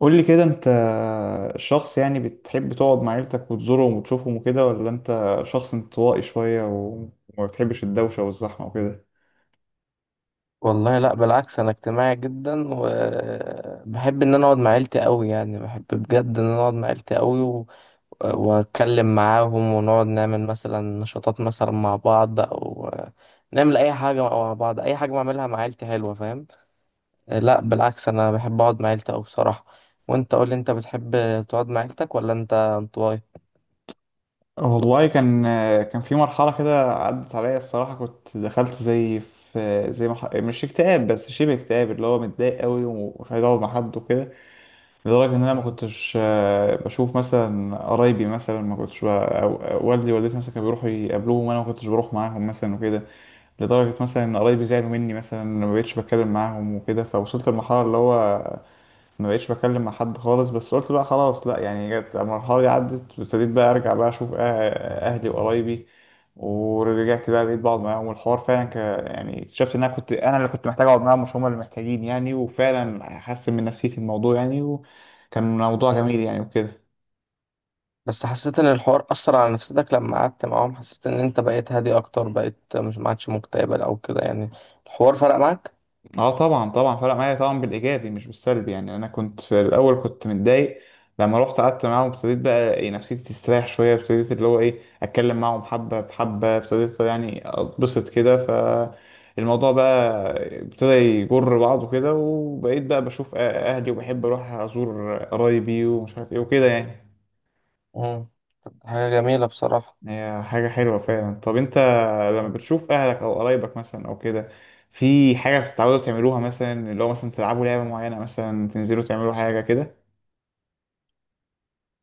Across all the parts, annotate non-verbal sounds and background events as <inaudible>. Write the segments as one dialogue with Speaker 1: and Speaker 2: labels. Speaker 1: قول لي كده، انت شخص يعني بتحب تقعد مع عيلتك وتزورهم وتشوفهم وكده، ولا انت شخص انطوائي شوية و- وما بتحبش الدوشة والزحمة وكده؟
Speaker 2: والله، لا بالعكس، انا اجتماعي جدا وبحب ان انا اقعد مع عيلتي قوي. يعني بحب بجد ان انا اقعد مع عيلتي قوي واتكلم معاهم، ونقعد نعمل مثلا نشاطات مثلا مع بعض او نعمل اي حاجه مع بعض. اي حاجه بعملها مع عيلتي حلوه، فاهم. لا بالعكس، انا بحب اقعد مع عيلتي قوي بصراحه. وانت قول لي، انت بتحب تقعد مع عيلتك ولا انت انطوائي؟
Speaker 1: والله كان في مرحلة كده عدت عليا الصراحة، كنت دخلت زي في زي مش اكتئاب بس شبه اكتئاب، اللي هو متضايق قوي ومش عايز اقعد مع حد وكده. لدرجة ان انا ما كنتش بشوف مثلا قرايبي، مثلا ما كنتش ب... أو أو والدي ووالدتي مثلا كانوا بيروحوا يقابلوهم وانا ما كنتش بروح معاهم مثلا وكده. لدرجة مثلا إن قرايبي زعلوا مني، مثلا أنا ما بقتش بتكلم معاهم وكده، فوصلت لمرحلة اللي هو ما بقتش بتكلم مع حد خالص. بس قلت بقى خلاص لأ، يعني جت المرحلة دي عدت وابتديت بقى أرجع بقى أشوف أهلي وقرايبي. ورجعت بقى بقيت بقعد معاهم، والحوار فعلا يعني اكتشفت إن أنا كنت أنا اللي كنت محتاج أقعد معاهم، مش هما اللي محتاجين يعني، وفعلا حسن من نفسيتي الموضوع يعني، وكان موضوع
Speaker 2: مم.
Speaker 1: جميل يعني وكده.
Speaker 2: بس حسيت ان الحوار اثر على نفسيتك لما قعدت معاهم. حسيت ان انت بقيت هادي اكتر، بقيت مش، ما عادش مكتئب او كده يعني، الحوار فرق معاك.
Speaker 1: اه، طبعا طبعا فرق معايا طبعا، بالايجابي مش بالسلبي يعني، انا كنت في الاول كنت متضايق. لما رحت قعدت معاهم ابتديت بقى إيه نفسيتي تستريح شويه، ابتديت اللي هو ايه اتكلم معاهم حبه بحبه، ابتديت يعني اتبسط كده، فالموضوع بقى ابتدى يجر بعضه كده، وبقيت بقى بشوف اهلي وبحب اروح ازور قرايبي ومش عارف ايه وكده يعني.
Speaker 2: امم حاجه جميله بصراحه.
Speaker 1: هي حاجة حلوة فعلا. طب انت لما
Speaker 2: مم.
Speaker 1: بتشوف اهلك او قرايبك مثلا او كده، في حاجة بتتعودوا تعملوها، مثلا اللي هو مثلا تلعبوا لعبة معينة مثلا، تنزلوا تعملوا حاجة كده؟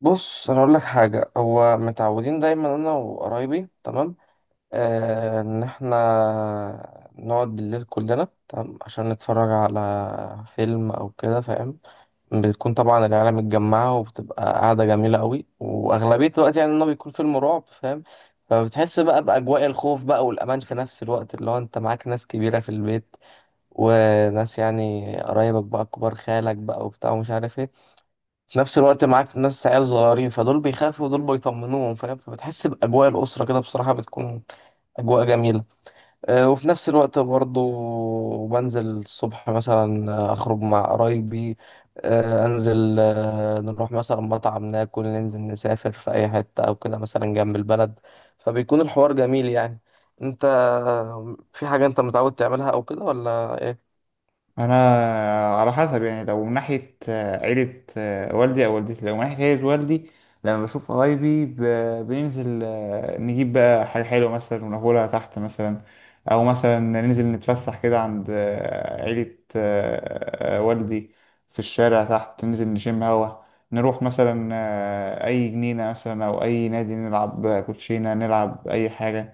Speaker 2: بص انا اقول لك حاجه، هو متعودين دايما انا وقرايبي، تمام. ان احنا نقعد بالليل كلنا تمام عشان نتفرج على فيلم او كده، فاهم. بتكون طبعا العيله متجمعه، وبتبقى قاعده جميله قوي. واغلبيه الوقت يعني انه بيكون فيلم رعب، فاهم. فبتحس بقى باجواء الخوف بقى والامان في نفس الوقت، اللي هو انت معاك ناس كبيره في البيت، وناس يعني قرايبك بقى كبار، خالك بقى وبتاع ومش عارف ايه. في نفس الوقت معاك ناس عيال صغيرين، فدول بيخافوا ودول بيطمنوهم، فاهم. فبتحس باجواء الاسره كده بصراحه، بتكون اجواء جميله. وفي نفس الوقت برضه، بنزل الصبح مثلا، أخرج مع قرايبي، أنزل، نروح مثلا مطعم ناكل. ننزل نسافر في أي حتة أو كده، مثلا جنب البلد. فبيكون الحوار جميل يعني. أنت في حاجة أنت متعود تعملها أو كده ولا إيه؟
Speaker 1: انا على حسب يعني، لو من ناحيه عيله والدي او والدتي، لو من ناحيه عيله والدي لما بشوف قرايبي بننزل نجيب بقى حاجه حلوه مثلا وناكلها تحت مثلا، او مثلا ننزل نتفسح كده عند عيله والدي في الشارع تحت، ننزل نشم هوا، نروح مثلا اي جنينه مثلا او اي نادي، نلعب كوتشينه، نلعب اي حاجه.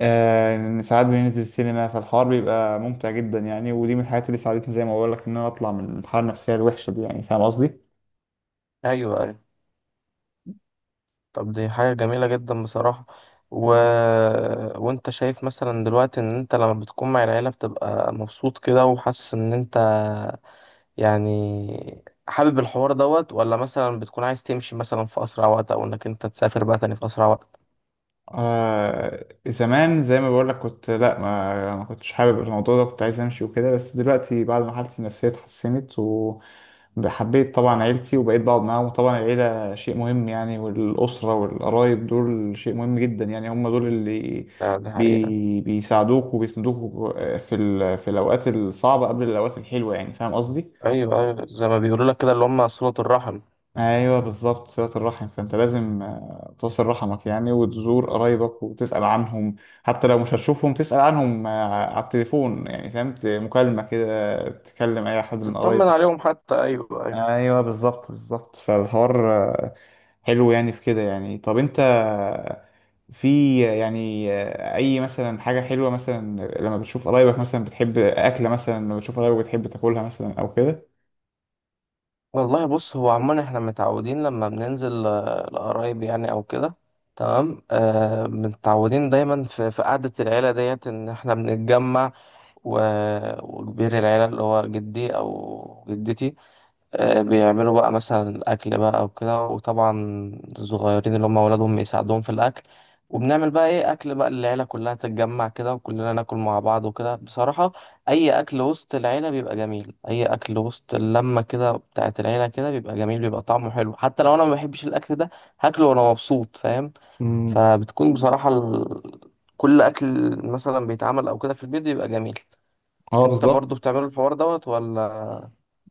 Speaker 1: ان ساعات بننزل سينما، فالحوار بيبقى ممتع جدا يعني، ودي من الحاجات اللي ساعدتني زي ما بقول لك ان انا اطلع من الحاله النفسيه الوحشه دي يعني، فاهم قصدي؟
Speaker 2: أيوه، أيوه. طب دي حاجة جميلة جدا بصراحة. و... وأنت شايف مثلا دلوقتي إن أنت لما بتكون مع العيلة بتبقى مبسوط كده، وحاسس إن أنت يعني حابب الحوار دوت، ولا مثلا بتكون عايز تمشي مثلا في أسرع وقت، أو إنك أنت تسافر بقى تاني في أسرع وقت؟
Speaker 1: آه زمان زي ما بقول لك كنت لا، ما كنتش حابب الموضوع ده، كنت عايز امشي وكده. بس دلوقتي بعد ما حالتي النفسية اتحسنت وحبيت طبعا عيلتي وبقيت بقعد معاهم، وطبعا العيلة شيء مهم يعني، والأسرة والقرايب دول شيء مهم جدا يعني، هم دول اللي
Speaker 2: لا دي حقيقة.
Speaker 1: بيساعدوك وبيسندوك في في الأوقات الصعبة قبل الأوقات الحلوة يعني، فاهم قصدي؟
Speaker 2: أيوه، أيوه، زي ما بيقولوا لك كده، اللي هم صلة الرحم.
Speaker 1: ايوه بالظبط، صلة الرحم. فانت لازم تصل رحمك يعني وتزور قرايبك وتسأل عنهم، حتى لو مش هتشوفهم تسأل عنهم على التليفون يعني، فهمت، مكالمة كده تكلم اي حد من
Speaker 2: تطمن
Speaker 1: قرايبك.
Speaker 2: عليهم حتى، أيوه، أيوه.
Speaker 1: ايوه بالظبط بالظبط. فالحوار حلو يعني في كده يعني. طب انت في يعني اي مثلا حاجة حلوة، مثلا لما بتشوف قرايبك مثلا بتحب اكلة، مثلا لما بتشوف قرايبك بتحب تاكلها مثلا او كده؟
Speaker 2: والله بص، هو عموما إحنا متعودين لما بننزل لقرايب يعني أو كده، تمام. متعودين دايما في قعدة العيلة ديت إن إحنا بنتجمع، و- وكبير العيلة اللي هو جدي أو جدتي بيعملوا بقى مثلا أكل بقى وكده. وطبعا الصغيرين اللي هم أولادهم يساعدوهم في الأكل. وبنعمل بقى إيه أكل بقى، العيلة كلها تتجمع كده وكلنا ناكل مع بعض وكده بصراحة. أي أكل وسط العيلة بيبقى جميل، أي أكل وسط اللمة كده بتاعت العيلة كده بيبقى جميل، بيبقى طعمه حلو. حتى لو أنا ما بحبش الأكل ده، هاكله وأنا مبسوط، فاهم.
Speaker 1: مم.
Speaker 2: فبتكون بصراحة كل أكل مثلا بيتعمل أو كده في البيت بيبقى جميل.
Speaker 1: اه
Speaker 2: أنت برضو
Speaker 1: بالظبط.
Speaker 2: بتعمل الحوار دوت ولا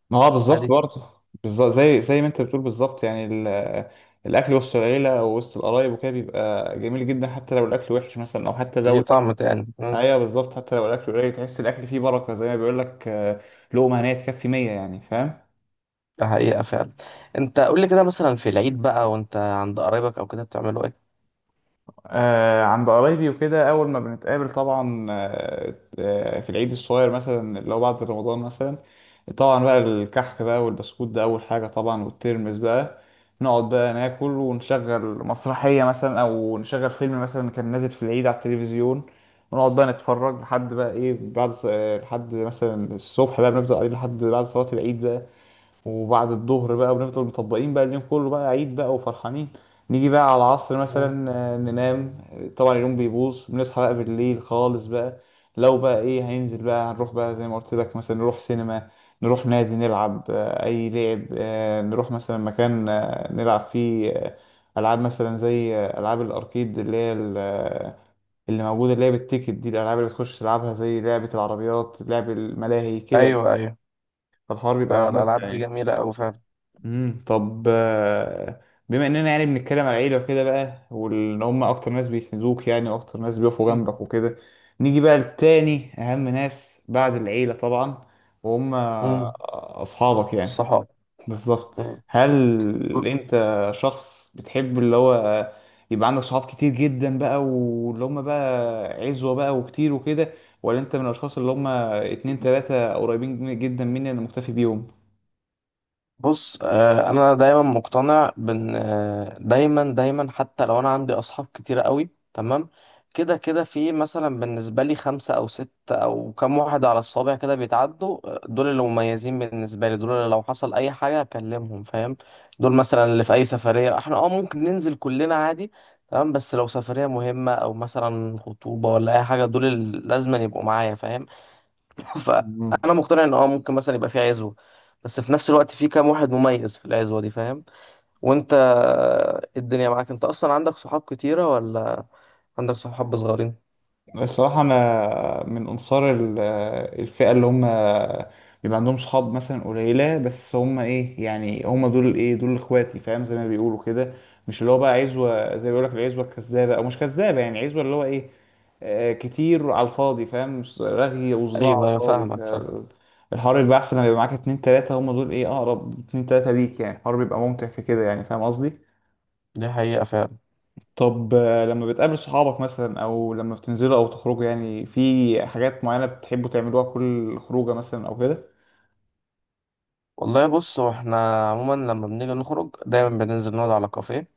Speaker 1: ما هو بالظبط
Speaker 2: عادي؟
Speaker 1: برضه بالظبط، زي ما انت بتقول بالظبط يعني، الاكل وسط العيله او وسط القرايب وكده بيبقى جميل جدا، حتى لو الاكل وحش مثلا، او حتى لو
Speaker 2: دي
Speaker 1: الاكل،
Speaker 2: طعم تاني.
Speaker 1: ايوه بالظبط، حتى لو الاكل قليل تحس الاكل فيه بركه، زي ما بيقول لك لقمه هنيه تكفي 100 يعني، فاهم؟
Speaker 2: ده حقيقة فعلا. انت قول لي كده، مثلا في العيد بقى وانت عند قرايبك او كده بتعملوا ايه؟
Speaker 1: آه عند قرايبي وكده، أول ما بنتقابل طبعا، في العيد الصغير مثلا اللي هو بعد رمضان مثلا، طبعا بقى الكحك بقى والبسكوت ده أول حاجة طبعا، والترمس بقى، نقعد بقى ناكل ونشغل مسرحية مثلا أو نشغل فيلم مثلا كان نازل في العيد على التلفزيون، ونقعد بقى نتفرج لحد بقى إيه بعد لحد مثلا الصبح بقى، بنفضل قاعدين لحد بعد صلاة العيد بقى، وبعد الظهر بقى بنفضل مطبقين بقى، اليوم كله بقى عيد بقى وفرحانين. نيجي بقى على العصر
Speaker 2: مم.
Speaker 1: مثلا ننام، طبعا اليوم بيبوظ، بنصحى بقى بالليل خالص بقى. لو بقى ايه هننزل بقى، هنروح بقى زي ما قلت لك مثلا نروح سينما، نروح نادي نلعب اي لعب، نروح مثلا مكان نلعب فيه العاب مثلا، زي العاب الاركيد اللي هي اللي موجوده، اللي هي بالتيكت دي، الالعاب اللي بتخش تلعبها زي لعبه العربيات، لعب الملاهي كده.
Speaker 2: ايوه، ايوه.
Speaker 1: فالحوار بيبقى ممتع
Speaker 2: الالعاب دي
Speaker 1: يعني.
Speaker 2: جميلة اوي فعلا.
Speaker 1: طب بما اننا يعني بنتكلم على العيله وكده بقى، وان هم اكتر ناس بيسندوك يعني واكتر ناس بيقفوا جنبك
Speaker 2: <clears throat>
Speaker 1: وكده، نيجي بقى لتاني اهم ناس بعد العيله طبعا، وهم
Speaker 2: امم
Speaker 1: اصحابك يعني.
Speaker 2: الصحاب.
Speaker 1: بالظبط. هل
Speaker 2: مم.
Speaker 1: انت شخص بتحب اللي هو يبقى عندك صحاب كتير جدا بقى، واللي هم بقى عزوه بقى وكتير وكده، ولا انت من الاشخاص اللي هم اتنين تلاته قريبين جدا مني انا مكتفي بيهم؟
Speaker 2: بص، انا دايما مقتنع بان، دايما دايما حتى لو انا عندي اصحاب كتيرة قوي تمام، كده كده في مثلا بالنسبة لي خمسة او ستة او كام واحد على الصابع كده بيتعدوا، دول اللي مميزين بالنسبة لي، دول اللي لو حصل اي حاجة اكلمهم، فاهم. دول مثلا اللي في اي سفرية احنا ممكن ننزل كلنا عادي تمام. بس لو سفرية مهمة او مثلا خطوبة ولا اي حاجة، دول اللي لازم يبقوا معايا، فاهم. فانا مقتنع ان ممكن مثلا يبقى في عزوه، بس في نفس الوقت في كام واحد مميز في العزوه دي، فاهم. وانت الدنيا معاك، انت اصلا عندك صحاب كتيره ولا عندك صحاب صغيرين؟
Speaker 1: الصراحة أنا من أنصار الفئة اللي هم بيبقى عندهم صحاب مثلا قليلة، بس هم إيه يعني، هم دول إيه، دول إخواتي فاهم، زي ما بيقولوا كده. مش اللي هو بقى عزوة زي ما بيقولك العزوة الكذابة، أو مش كذابة يعني، عزوة اللي هو إيه كتير على الفاضي فاهم، رغي وصداع على
Speaker 2: ايوه، ايوه
Speaker 1: الفاضي.
Speaker 2: فاهمك، فاهم.
Speaker 1: الحوار بيبقى أحسن لما يبقى معاك اتنين تلاتة، هم دول إيه أقرب اتنين تلاتة ليك يعني، الحوار بيبقى ممتع في كده يعني، فاهم قصدي؟
Speaker 2: دي حقيقه فعلا.
Speaker 1: طب لما بتقابل صحابك مثلا او لما بتنزلوا او تخرجوا، يعني في حاجات معينة بتحبوا تعملوها كل خروجة مثلا او كده؟
Speaker 2: والله بص، هو احنا عموما لما بنيجي نخرج دايما بننزل نقعد على كافيه،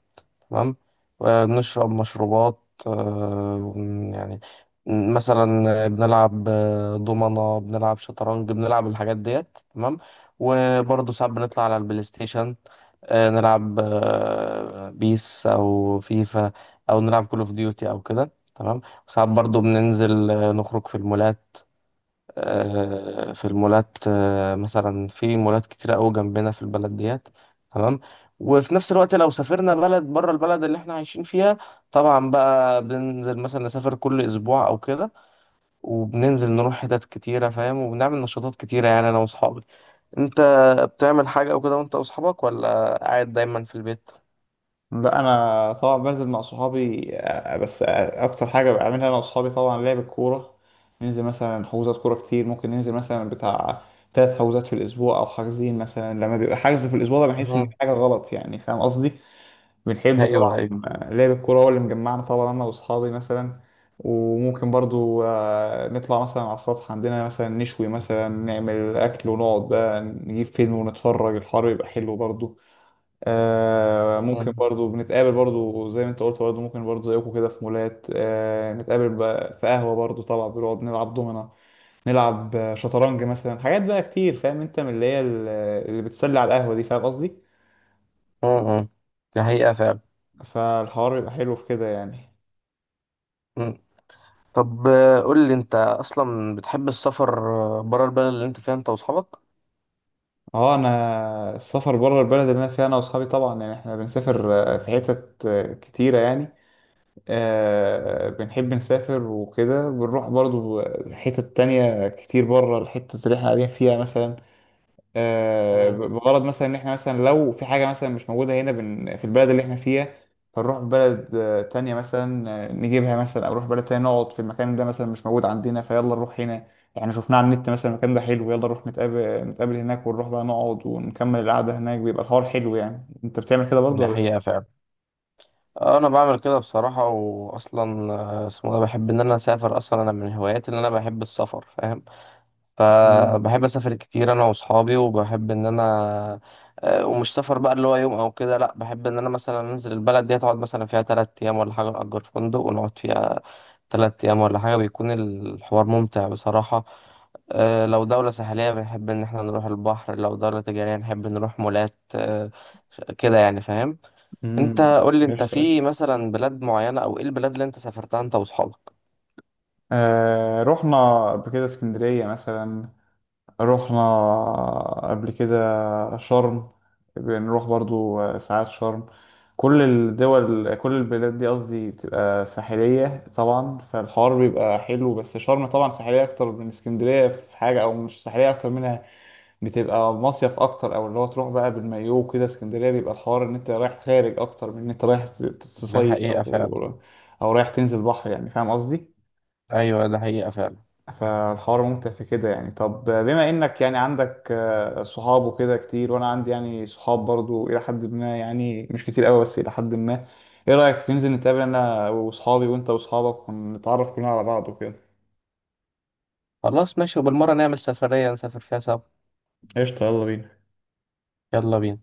Speaker 2: تمام. ونشرب مشروبات، يعني مثلا بنلعب دومنة، بنلعب شطرنج، بنلعب الحاجات ديت، تمام. وبرضه ساعات بنطلع على البلاي ستيشن، نلعب بيس او فيفا، او نلعب كول اوف ديوتي او كده، تمام. وساعات برضو بننزل نخرج في المولات، في المولات مثلا في مولات كتيرة قوي جنبنا في البلد ديت، تمام. وفي نفس الوقت لو سافرنا بلد بره البلد اللي احنا عايشين فيها، طبعا بقى بننزل مثلا نسافر كل اسبوع او كده. وبننزل نروح حتت كتيرة، فاهم. وبنعمل نشاطات كتيرة يعني انا واصحابي. انت بتعمل حاجة او كده وانت واصحابك، ولا قاعد دايما في البيت؟
Speaker 1: لا انا طبعا بنزل مع صحابي بس اكتر حاجة بعملها انا وصحابي طبعا لعب الكورة. ننزل مثلا حجوزات كورة كتير، ممكن ننزل مثلا بتاع ثلاث حجوزات في الاسبوع، او حاجزين مثلا، لما بيبقى حجز في الاسبوع ده بحس ان
Speaker 2: مم.
Speaker 1: في حاجة غلط يعني، فاهم قصدي؟ بنحب
Speaker 2: ايوه،
Speaker 1: طبعا
Speaker 2: ايوه.
Speaker 1: لعب الكورة، هو اللي مجمعنا طبعا أنا وأصحابي مثلا. وممكن برضو نطلع مثلا على السطح عندنا، مثلا نشوي مثلا، نعمل أكل ونقعد بقى نجيب فيلم ونتفرج، الحر يبقى حلو برضو. ممكن
Speaker 2: مم.
Speaker 1: برضو بنتقابل برضو زي ما أنت قلت، برضو ممكن برضو زيكم كده في مولات، نتقابل بقى في قهوة برضو، طبعا بنقعد نلعب دومنا، نلعب شطرنج مثلا، حاجات بقى كتير، فاهم أنت من اللي هي اللي بتسلي على القهوة دي، فاهم قصدي؟
Speaker 2: مم. دي حقيقة فعلا.
Speaker 1: فالحوار يبقى حلو في كده يعني.
Speaker 2: مم. طب قول لي انت اصلا بتحب السفر بره البلد اللي انت فيها انت واصحابك؟
Speaker 1: اه انا السفر بره البلد اللي انا فيها انا واصحابي طبعا يعني، احنا بنسافر في حتت كتيره يعني، بنحب نسافر وكده، بنروح برضو حتت تانية كتير بره الحتة اللي احنا قاعدين فيها مثلا،
Speaker 2: مم.
Speaker 1: بغرض مثلا ان احنا مثلا لو في حاجه مثلا مش موجوده هنا في البلد اللي احنا فيها، فنروح بلد تانية مثلا نجيبها مثلا، او نروح بلد تانية نقعد في المكان ده، مثلا مش موجود عندنا، فيلا نروح هنا يعني، شفناه على النت مثلا المكان ده حلو، يلا نروح نتقابل هناك، ونروح بقى نقعد ونكمل القعده هناك، بيبقى الحوار حلو يعني. انت بتعمل كده برضو
Speaker 2: دي
Speaker 1: ولا؟
Speaker 2: حقيقة فعلا. انا بعمل كده بصراحة. واصلا اسمه إيه ده، بحب ان انا اسافر. اصلا انا من هواياتي ان انا بحب السفر، فاهم. فبحب اسافر كتير انا واصحابي. وبحب ان انا ومش سفر بقى اللي هو يوم او كده، لا، بحب ان انا مثلا انزل البلد دي هتقعد مثلا فيها 3 ايام ولا حاجة، نأجر فندق ونقعد فيها 3 أيام ولا حاجة، بيكون الحوار ممتع بصراحة. لو دولة ساحلية بنحب إن احنا نروح البحر، لو دولة تجارية نحب نروح مولات. كده يعني، فاهم. انت
Speaker 1: امم،
Speaker 2: قولي، انت
Speaker 1: قشطة قشطة.
Speaker 2: في مثلا بلاد معينة او ايه البلاد اللي انت سافرتها انت واصحابك؟
Speaker 1: آه رحنا قبل كده اسكندرية مثلا، رحنا قبل كده شرم، بنروح برضو ساعات شرم، كل الدول كل البلاد دي قصدي بتبقى ساحلية طبعا، فالحوار بيبقى حلو. بس شرم طبعا ساحلية أكتر من اسكندرية في حاجة، أو مش ساحلية أكتر منها، بتبقى مصيف أكتر، أو اللي هو تروح بقى بالمايو كده. اسكندرية بيبقى الحوار إن أنت رايح خارج أكتر من إن أنت رايح
Speaker 2: ده
Speaker 1: تصيف،
Speaker 2: حقيقة فعلا.
Speaker 1: أو رايح تنزل بحر يعني، فاهم قصدي؟
Speaker 2: ايوه، ده حقيقة فعلا.
Speaker 1: فالحوار ممتع في كده يعني. طب بما انك يعني عندك صحاب وكده كتير، وانا عندي يعني صحاب برضو الى حد ما يعني، مش كتير قوي بس الى حد ما، ايه رأيك ننزل نتقابل انا واصحابي وانت واصحابك ونتعرف كلنا على بعض وكده؟
Speaker 2: خلاص ماشي، وبالمرة نعمل سفرية نسافر فيها سوا.
Speaker 1: قشطة، يلا بينا.
Speaker 2: يلا بينا.